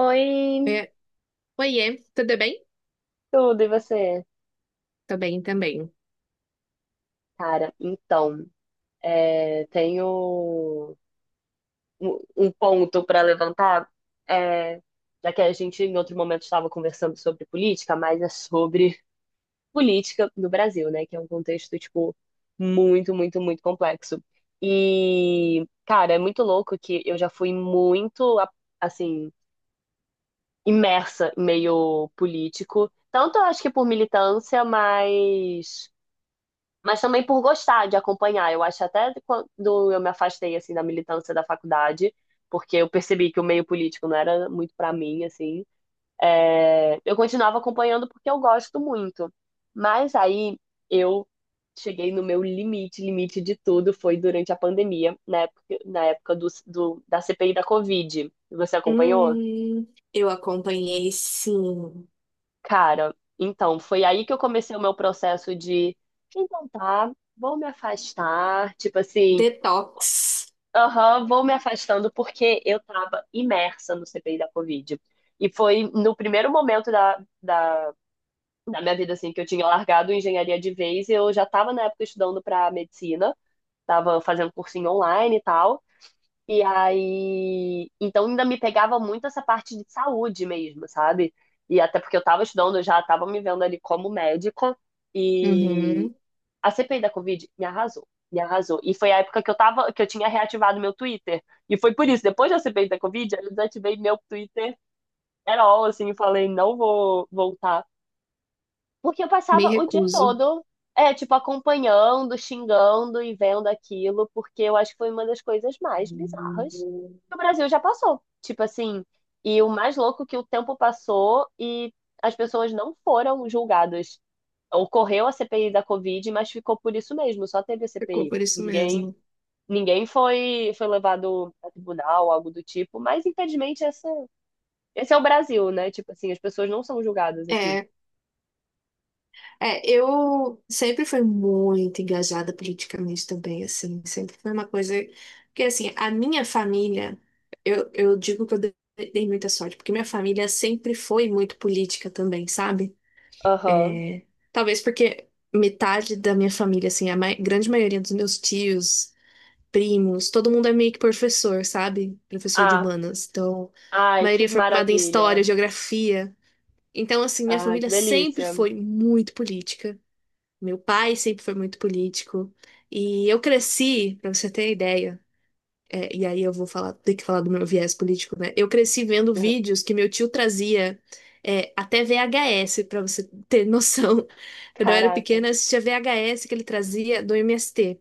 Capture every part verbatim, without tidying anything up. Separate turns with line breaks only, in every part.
Oi,
É, oiê, tudo bem?
tudo, e você?
Tô bem também.
Cara, então, é, tenho um um ponto para levantar, é, já que a gente em outro momento estava conversando sobre política, mas é sobre política no Brasil, né? Que é um contexto, tipo, muito, muito, muito complexo. E, cara, é muito louco que eu já fui muito, a- assim, imersa em meio político, tanto eu acho que por militância, mas Mas também por gostar de acompanhar. Eu acho até quando eu me afastei assim da militância da faculdade, porque eu percebi que o meio político não era muito para mim, assim. é, Eu continuava acompanhando porque eu gosto muito. Mas aí eu cheguei no meu limite, limite de tudo foi durante a pandemia, na época, na época do, do- da C P I da Covid. Você acompanhou?
Hum, eu acompanhei sim.
Cara, então, foi aí que eu comecei o meu processo de, então tá, vou me afastar, tipo assim,
Detox.
aham, vou me afastando porque eu estava imersa no C P I da Covid. E foi no primeiro momento da, da, da minha vida, assim, que eu tinha largado engenharia de vez. Eu já estava, na época, estudando para medicina, estava fazendo cursinho online e tal. E aí. Então, ainda me pegava muito essa parte de saúde mesmo, sabe? E até porque eu estava estudando, eu já estava me vendo ali como médica.
Uhum.
A C P I da Covid me arrasou, me arrasou. E foi a época que eu tava, que eu tinha reativado meu Twitter. E foi por isso, depois da C P I da Covid, eu desativei meu Twitter era all, assim, e falei, não vou voltar. Porque eu
Me
passava o dia
recuso.
todo, é, tipo, acompanhando, xingando e vendo aquilo, porque eu acho que foi uma das coisas mais bizarras que o Brasil já passou. Tipo assim, e o mais louco que o tempo passou e as pessoas não foram julgadas. Ocorreu a C P I da Covid, mas ficou por isso mesmo, só teve a
Ficou
C P I.
por isso
Ninguém,
mesmo.
ninguém foi, foi levado a tribunal, algo do tipo, mas infelizmente essa, esse é o Brasil, né? Tipo assim, as pessoas não são julgadas aqui.
É, é, eu sempre fui muito engajada politicamente também, assim, sempre foi uma coisa que, assim, a minha família, eu, eu digo que eu dei dei muita sorte, porque minha família sempre foi muito política também, sabe?
Aham.
É, talvez porque metade da minha família, assim, a mai- grande maioria dos meus tios, primos, todo mundo é meio que professor, sabe? Professor de
Ah,
humanas. Então, a
ai,
maioria
que
é formada em história,
maravilha.
geografia. Então, assim, minha
Ai,
família
que
sempre
delícia.
foi muito política. Meu pai sempre foi muito político. E eu cresci, pra você ter ideia. É, e aí eu vou falar, ter que falar do meu viés político, né? Eu cresci vendo
Aham.
vídeos que meu tio trazia é, até V H S, pra você ter noção. Quando eu era
Caraca.
pequena, eu assistia V H S que ele trazia do M S T.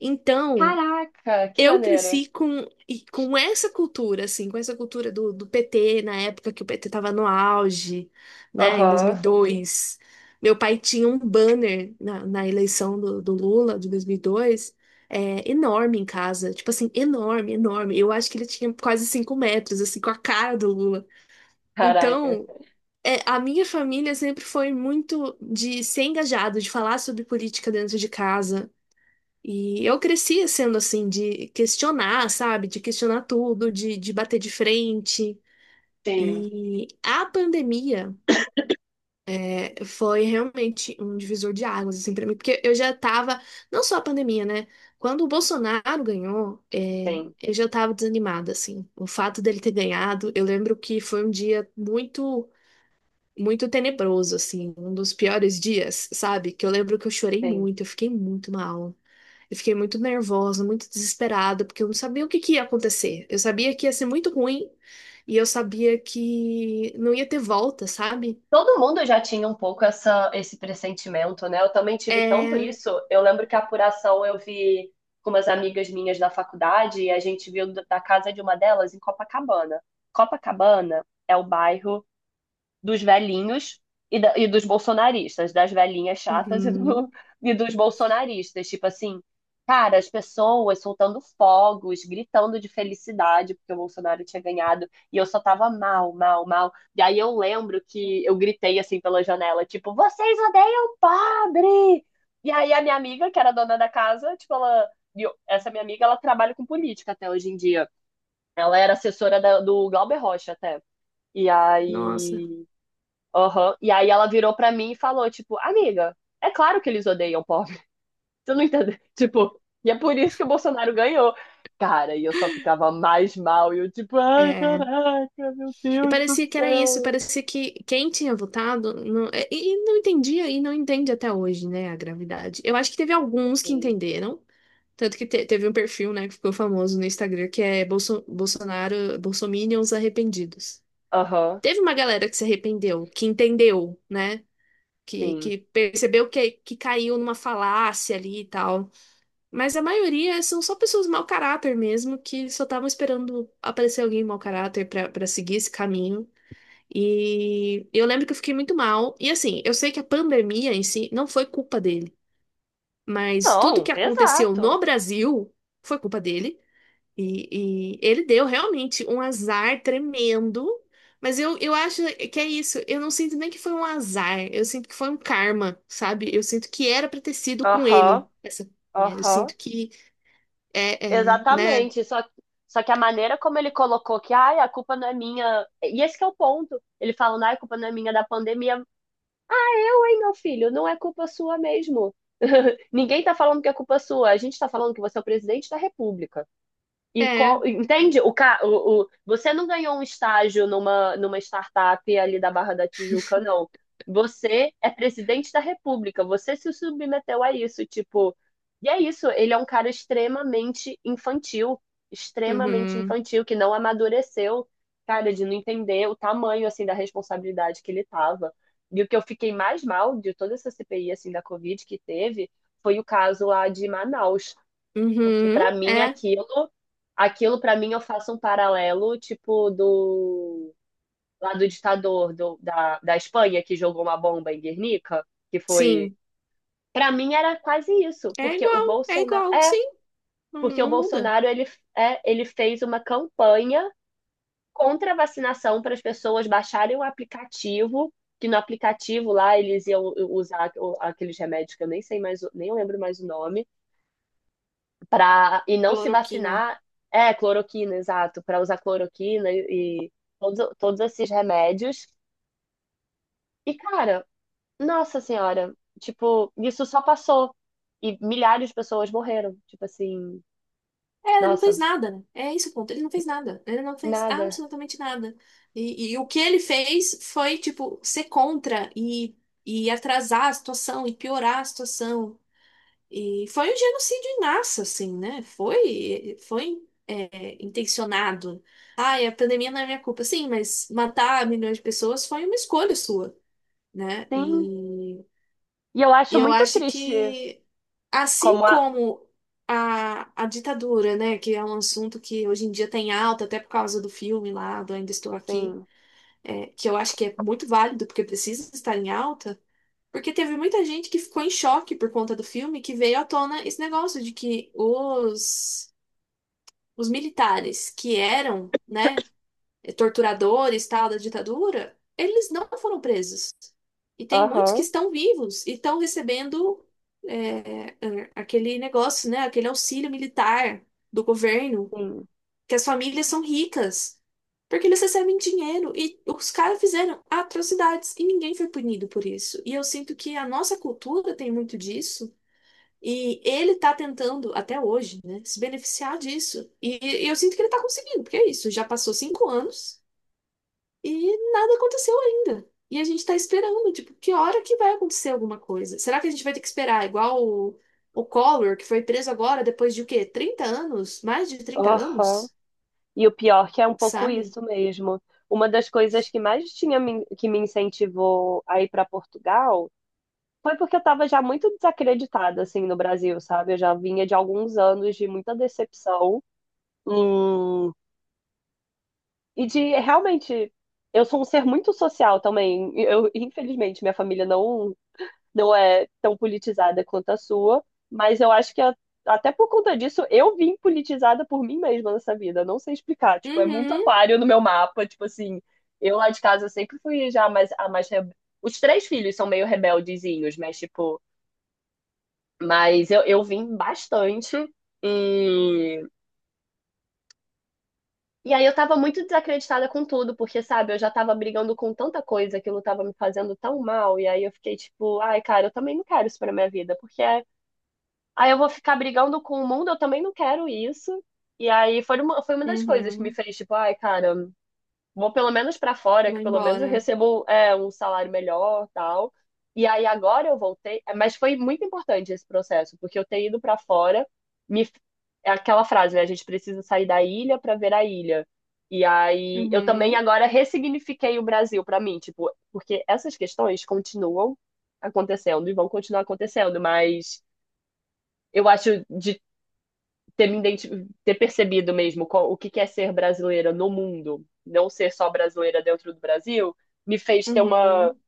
Então,
Caraca, que
eu
maneiro.
cresci com, e com essa cultura, assim, com essa cultura do, do, P T, na época que o P T estava no auge, né, em
Aham.
dois mil e dois. Meu pai tinha um banner na, na, eleição do, do Lula, de dois mil e dois, é, enorme em casa, tipo assim, enorme, enorme. Eu acho que ele tinha quase cinco metros, assim, com a cara do Lula.
Caraca.
Então, é, a minha família sempre foi muito de ser engajado, de falar sobre política dentro de casa. E eu crescia sendo assim, de questionar, sabe? De questionar tudo, de, de bater de frente.
Sim,
E a pandemia eh, foi realmente um divisor de águas, assim, pra mim, porque eu já tava, não só a pandemia, né? Quando o Bolsonaro ganhou, eh,
sim,
eu já tava desanimada, assim. O fato dele ter ganhado, eu lembro que foi um dia muito, muito tenebroso, assim, um dos piores dias, sabe? Que eu lembro que eu chorei
sim.
muito, eu fiquei muito mal. Eu fiquei muito nervosa, muito desesperada, porque eu não sabia o que que ia acontecer. Eu sabia que ia ser muito ruim e eu sabia que não ia ter volta, sabe?
Todo mundo já tinha um pouco essa, esse pressentimento, né? Eu também tive tanto
É.
isso. Eu lembro que a apuração eu vi com umas amigas minhas da faculdade e a gente viu da da casa de uma delas em Copacabana. Copacabana é o bairro dos velhinhos e, da- e dos bolsonaristas, das velhinhas chatas e,
Uhum.
do- e dos bolsonaristas. Tipo assim, cara, as pessoas soltando fogos, gritando de felicidade porque o Bolsonaro tinha ganhado e eu só tava mal, mal, mal. E aí eu lembro que eu gritei assim pela janela, tipo, vocês odeiam pobre! E aí a minha amiga, que era dona da casa, tipo, ela. e eu- Essa minha amiga, ela trabalha com política até hoje em dia. Ela era assessora da- do Glauber Rocha até. E
Nossa,
aí Aham. E aí ela virou pra mim e falou, tipo, amiga, é claro que eles odeiam pobre. Tu não entendeu? Tipo, e é por isso que o Bolsonaro ganhou. Cara, e eu só ficava mais mal. E eu, tipo, ai,
é.
caraca, meu
E
Deus do
parecia que era isso,
céu.
parecia que quem tinha votado não... é, E e não entendia e não entende até hoje, né, a gravidade. Eu acho que teve alguns que
Sim.
entenderam, tanto que te- teve um perfil, né, que ficou famoso no Instagram, que é Bolso... Bolsonaro, Bolsominions arrependidos.
Aham,
Teve uma galera que se arrependeu, que entendeu, né? Que,
sim.
que percebeu que, que caiu numa falácia ali e tal. Mas a maioria são só pessoas mau caráter mesmo, que só estavam esperando aparecer alguém mau caráter pra para seguir esse caminho. E eu lembro que eu fiquei muito mal. E assim, eu sei que a pandemia em si não foi culpa dele, mas tudo
Não,
que aconteceu
exato.
no Brasil foi culpa dele. E, e ele deu realmente um azar tremendo, mas eu, eu acho que é isso. Eu não sinto nem que foi um azar, eu sinto que foi um karma, sabe? Eu sinto que era pra ter sido com
Aham,
ele essa companhia. Eu
aham.
sinto que é, é, né?
Exatamente. Só, só que a maneira como ele colocou que, ai, a culpa não é minha. E esse que é o ponto. Ele falando, ai, a culpa não é minha da pandemia. Seu, hein, meu filho? Não é culpa sua mesmo. Ninguém está falando que é culpa sua. A gente está falando que você é o presidente da República. E
É,
co- entende? O, ca- o, o- Você não ganhou um estágio numa, numa startup ali da Barra da Tijuca, não. Você é presidente da República, você se submeteu a isso, tipo. E é isso, ele é um cara extremamente infantil, extremamente
uhum,
infantil, que não amadureceu, cara, de não entender o tamanho, assim, da responsabilidade que ele tava. E o que eu fiquei mais mal de toda essa C P I, assim, da Covid que teve, foi o caso lá de Manaus porque
uhum,
pra mim
é,
aquilo, aquilo pra mim eu faço um paralelo, tipo do lá do ditador do, da, da Espanha que jogou uma bomba em Guernica, que foi,
sim,
Pra mim era quase isso,
é
porque o
igual, é
Bolsonaro
igual,
é,
sim, não,
porque o
não muda.
Bolsonaro ele é, ele fez uma campanha contra a vacinação para as pessoas baixarem o aplicativo, que no aplicativo lá eles iam usar o- aqueles remédios que eu nem sei mais, o- nem lembro mais o nome para e não se
Cloroquina.
vacinar, é cloroquina, exato, para usar cloroquina e, e todos, todos esses remédios. E, cara, nossa senhora, tipo, isso só passou e milhares de pessoas morreram, tipo assim,
É, ele não fez
nossa,
nada, né? É esse o ponto. Ele não fez nada. Ele não fez
nada.
absolutamente nada. E, e o que ele fez foi, tipo, ser contra e, e atrasar a situação e piorar a situação. E foi um genocídio em massa, assim, né? Foi, foi, é, intencionado. Ai, a pandemia não é minha culpa. Sim, mas matar milhões de pessoas foi uma escolha sua, né?
Sim.
E
E eu acho
e eu
muito
acho
triste
que, assim
como a,
como a, a ditadura, né, que é um assunto que hoje em dia tem alta, até por causa do filme lá, do Ainda Estou Aqui,
sim,
é, que eu acho que é muito válido, porque precisa estar em alta, porque teve muita gente que ficou em choque por conta do filme, que veio à tona esse negócio de que os, os militares que eram, né, torturadores, tal, da ditadura, eles não foram presos. E tem muitos que
aham,
estão vivos e estão recebendo é, é, aquele negócio, né? Aquele auxílio militar do governo,
sim,
que as famílias são ricas, porque eles recebem dinheiro e os caras fizeram atrocidades e ninguém foi punido por isso. E eu sinto que a nossa cultura tem muito disso. E ele tá tentando, até hoje, né, se beneficiar disso. E, e eu sinto que ele tá conseguindo, porque é isso, já passou cinco anos, e nada aconteceu ainda. E a gente tá esperando, tipo, que hora que vai acontecer alguma coisa? Será que a gente vai ter que esperar igual o, o, Collor, que foi preso agora depois de o quê? Trinta anos? Mais de trinta
aham.
anos?
E o pior que é um pouco
Sabe?
isso mesmo. Uma das coisas que mais tinha me, que me incentivou a ir para Portugal foi porque eu tava já muito desacreditada, assim, no Brasil, sabe? Eu já vinha de alguns anos de muita decepção. hum, e de realmente, eu sou um ser muito social também. Eu, infelizmente, minha família não, não é tão politizada quanto a sua, mas eu acho que a- até por conta disso, eu vim politizada por mim mesma nessa vida. Não sei explicar. Tipo, é muito
Uhum,
aquário no meu mapa. Tipo assim, eu lá de casa sempre fui já mais, a mais. rebe- Os três filhos são meio rebeldezinhos, mas, tipo. Mas eu, eu vim bastante. E, e aí eu tava muito desacreditada com tudo, porque, sabe, eu já tava brigando com tanta coisa, aquilo tava me fazendo tão mal. E aí eu fiquei tipo, ai, cara, eu também não quero isso pra minha vida, porque aí eu vou ficar brigando com o mundo, eu também não quero isso. E aí foi uma, foi uma das coisas que me
uhum.
fez, tipo, ai, cara, vou pelo menos para fora,
Vou
que pelo menos eu
embora.
recebo é, um salário melhor, tal. E aí agora eu voltei, é, mas foi muito importante esse processo, porque eu ter ido para fora, me é aquela frase, né? A gente precisa sair da ilha para ver a ilha. E aí eu também
Uhum,
agora ressignifiquei o Brasil para mim, tipo, porque essas questões continuam acontecendo e vão continuar acontecendo, mas eu acho de ter me identi- ter percebido mesmo qual- o que que é ser brasileira no mundo, não ser só brasileira dentro do Brasil, me fez ter uma,
uhum.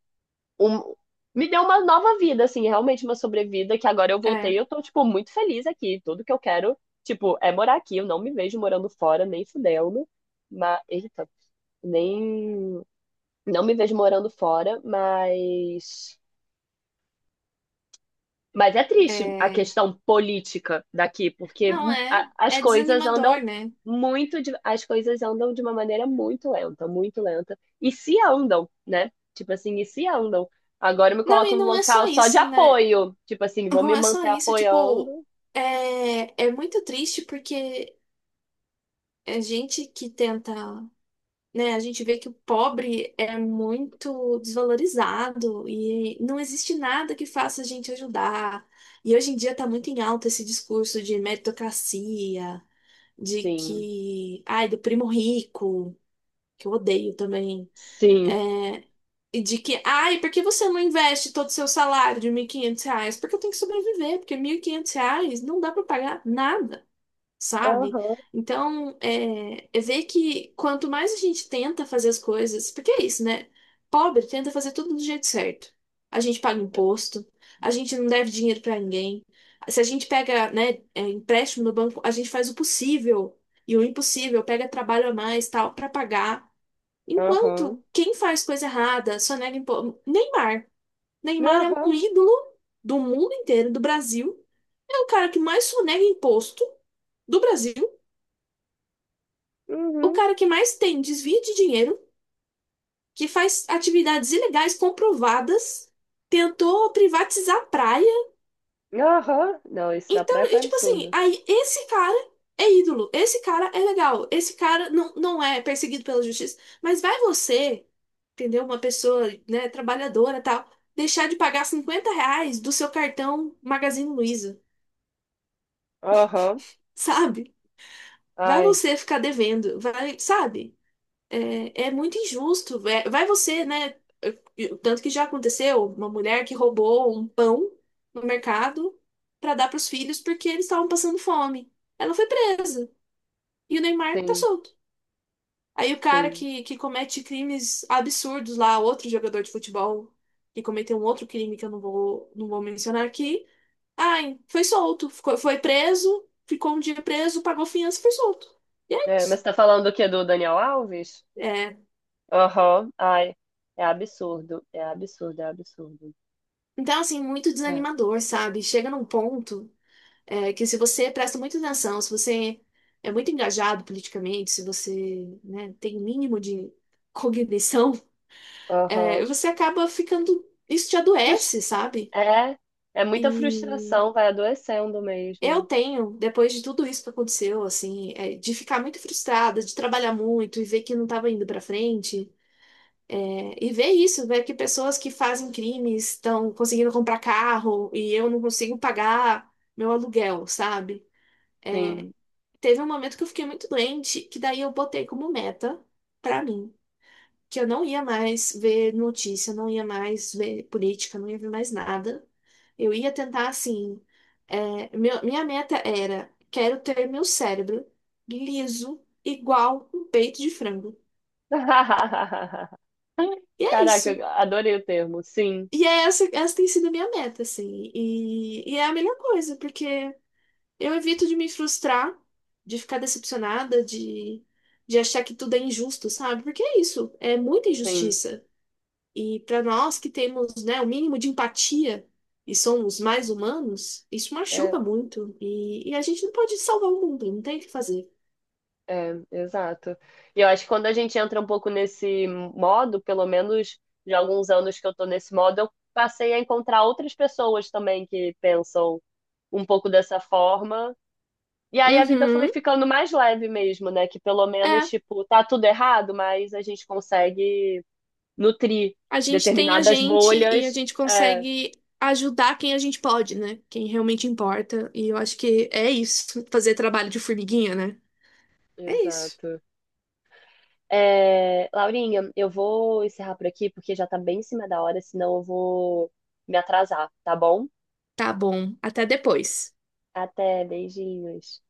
um- me deu uma nova vida, assim, realmente uma sobrevida que agora eu voltei,
É,
e eu tô tipo muito feliz aqui, tudo que eu quero, tipo, é morar aqui, eu não me vejo morando fora nem fudendo, mas eita, nem não me vejo morando fora, mas Mas é triste a
é.
questão política daqui, porque
Não é,
a- as
é
coisas
desanimador,
andam
né?
muito, de- as coisas andam de uma maneira muito lenta, muito lenta. E se andam, né? Tipo assim, e se andam. Agora eu me
Não,
coloco
e
no
não é só
local só de
isso, né?
apoio. Tipo assim, vou
Não
me
é só
manter
isso, tipo,
apoiando.
é, é muito triste porque a gente que tenta, né? A gente vê que o pobre é muito desvalorizado e não existe nada que faça a gente ajudar. E hoje em dia está muito em alta esse discurso de meritocracia, de
Sim,
que, ai, do primo rico, que eu odeio também.
sim.
E de que, ai, por que você não investe todo o seu salário de mil e quinhentos reais? Porque eu tenho que sobreviver, porque mil e quinhentos reais não dá para pagar nada, sabe?
Aham,
Então, é, é ver que quanto mais a gente tenta fazer as coisas, porque é isso, né? Pobre tenta fazer tudo do jeito certo. A gente paga imposto, a gente não deve dinheiro pra ninguém. Se a gente pega, né, é, empréstimo no banco, a gente faz o possível e o impossível, pega trabalho a mais, tal, pra pagar.
aham,
Enquanto quem faz coisa errada, só nega imposto. Neymar. Neymar é
aham,
um ídolo do mundo inteiro, do Brasil. É o cara que mais sonega imposto do Brasil. O
uhum,
cara que mais tem desvio de dinheiro, que faz atividades ilegais comprovadas, tentou privatizar a praia.
aham. Não, isso da
Então,
praia foi
e tipo assim,
absurdo.
aí esse cara é ídolo, esse cara é legal, esse cara não, não é perseguido pela justiça. Mas vai você, entendeu? Uma pessoa, né, trabalhadora e tal, deixar de pagar cinquenta reais do seu cartão Magazine Luiza,
Aham,
sabe? Vai
ai,
você ficar devendo, vai, sabe? É, é muito injusto. É, vai você, né? Tanto que já aconteceu uma mulher que roubou um pão no mercado para dar para os filhos porque eles estavam passando fome. Ela foi presa e o Neymar tá
sim,
solto. Aí o cara
sim.
que, que, comete crimes absurdos lá, outro jogador de futebol que cometeu um outro crime que eu não vou, não vou mencionar aqui, ai, foi solto, ficou- foi preso, ficou um dia preso, pagou fiança e foi solto. E é
É, mas
isso.
você tá falando do quê? Do Daniel Alves?
É,
Aham. Ai, é absurdo. É absurdo, é absurdo.
então, assim, muito
É.
desanimador, sabe? Chega num ponto é, que se você presta muita atenção, se você é muito engajado politicamente, se você, né, tem o mínimo de cognição, é,
Aham.
você acaba ficando. Isso te
Frus-
adoece, sabe?
É, é muita
E
frustração, vai adoecendo
eu
mesmo.
tenho, depois de tudo isso que aconteceu, assim, é, de ficar muito frustrada, de trabalhar muito e ver que não estava indo para frente. É, e ver isso, ver que pessoas que fazem crimes estão conseguindo comprar carro e eu não consigo pagar meu aluguel, sabe?
Sim.
Teve um momento que eu fiquei muito doente, que daí eu botei como meta pra mim, que eu não ia mais ver notícia, não ia mais ver política, não ia ver mais nada. Eu ia tentar assim. é, meu- minha meta era: quero ter meu cérebro liso, igual um peito de frango. E é
Caraca,
isso.
eu adorei o termo. Sim,
E é essa, essa tem sido a minha meta, assim. E, e é a melhor coisa, porque eu evito de me frustrar, de ficar decepcionada, de, de, achar que tudo é injusto, sabe? Porque é isso, é muita
sim.
injustiça. E para nós que temos, né, o mínimo de empatia e somos mais humanos, isso
É,
machuca muito. E, e a gente não pode salvar o mundo, não tem o que fazer.
é, exato. E eu acho que quando a gente entra um pouco nesse modo, pelo menos de alguns anos que eu tô nesse modo, eu passei a encontrar outras pessoas também que pensam um pouco dessa forma. E aí a vida foi
Uhum,
ficando mais leve mesmo, né? Que pelo menos,
é.
tipo, tá tudo errado, mas a gente consegue nutrir
A gente tem a
determinadas
gente e a
bolhas.
gente
É,
consegue ajudar quem a gente pode, né? Quem realmente importa. E eu acho que é isso, fazer trabalho de formiguinha, né? É isso.
exato. É, Laurinha, eu vou encerrar por aqui porque já tá bem em cima da hora, senão eu vou me atrasar, tá bom?
Tá bom, até depois.
Até, beijinhos.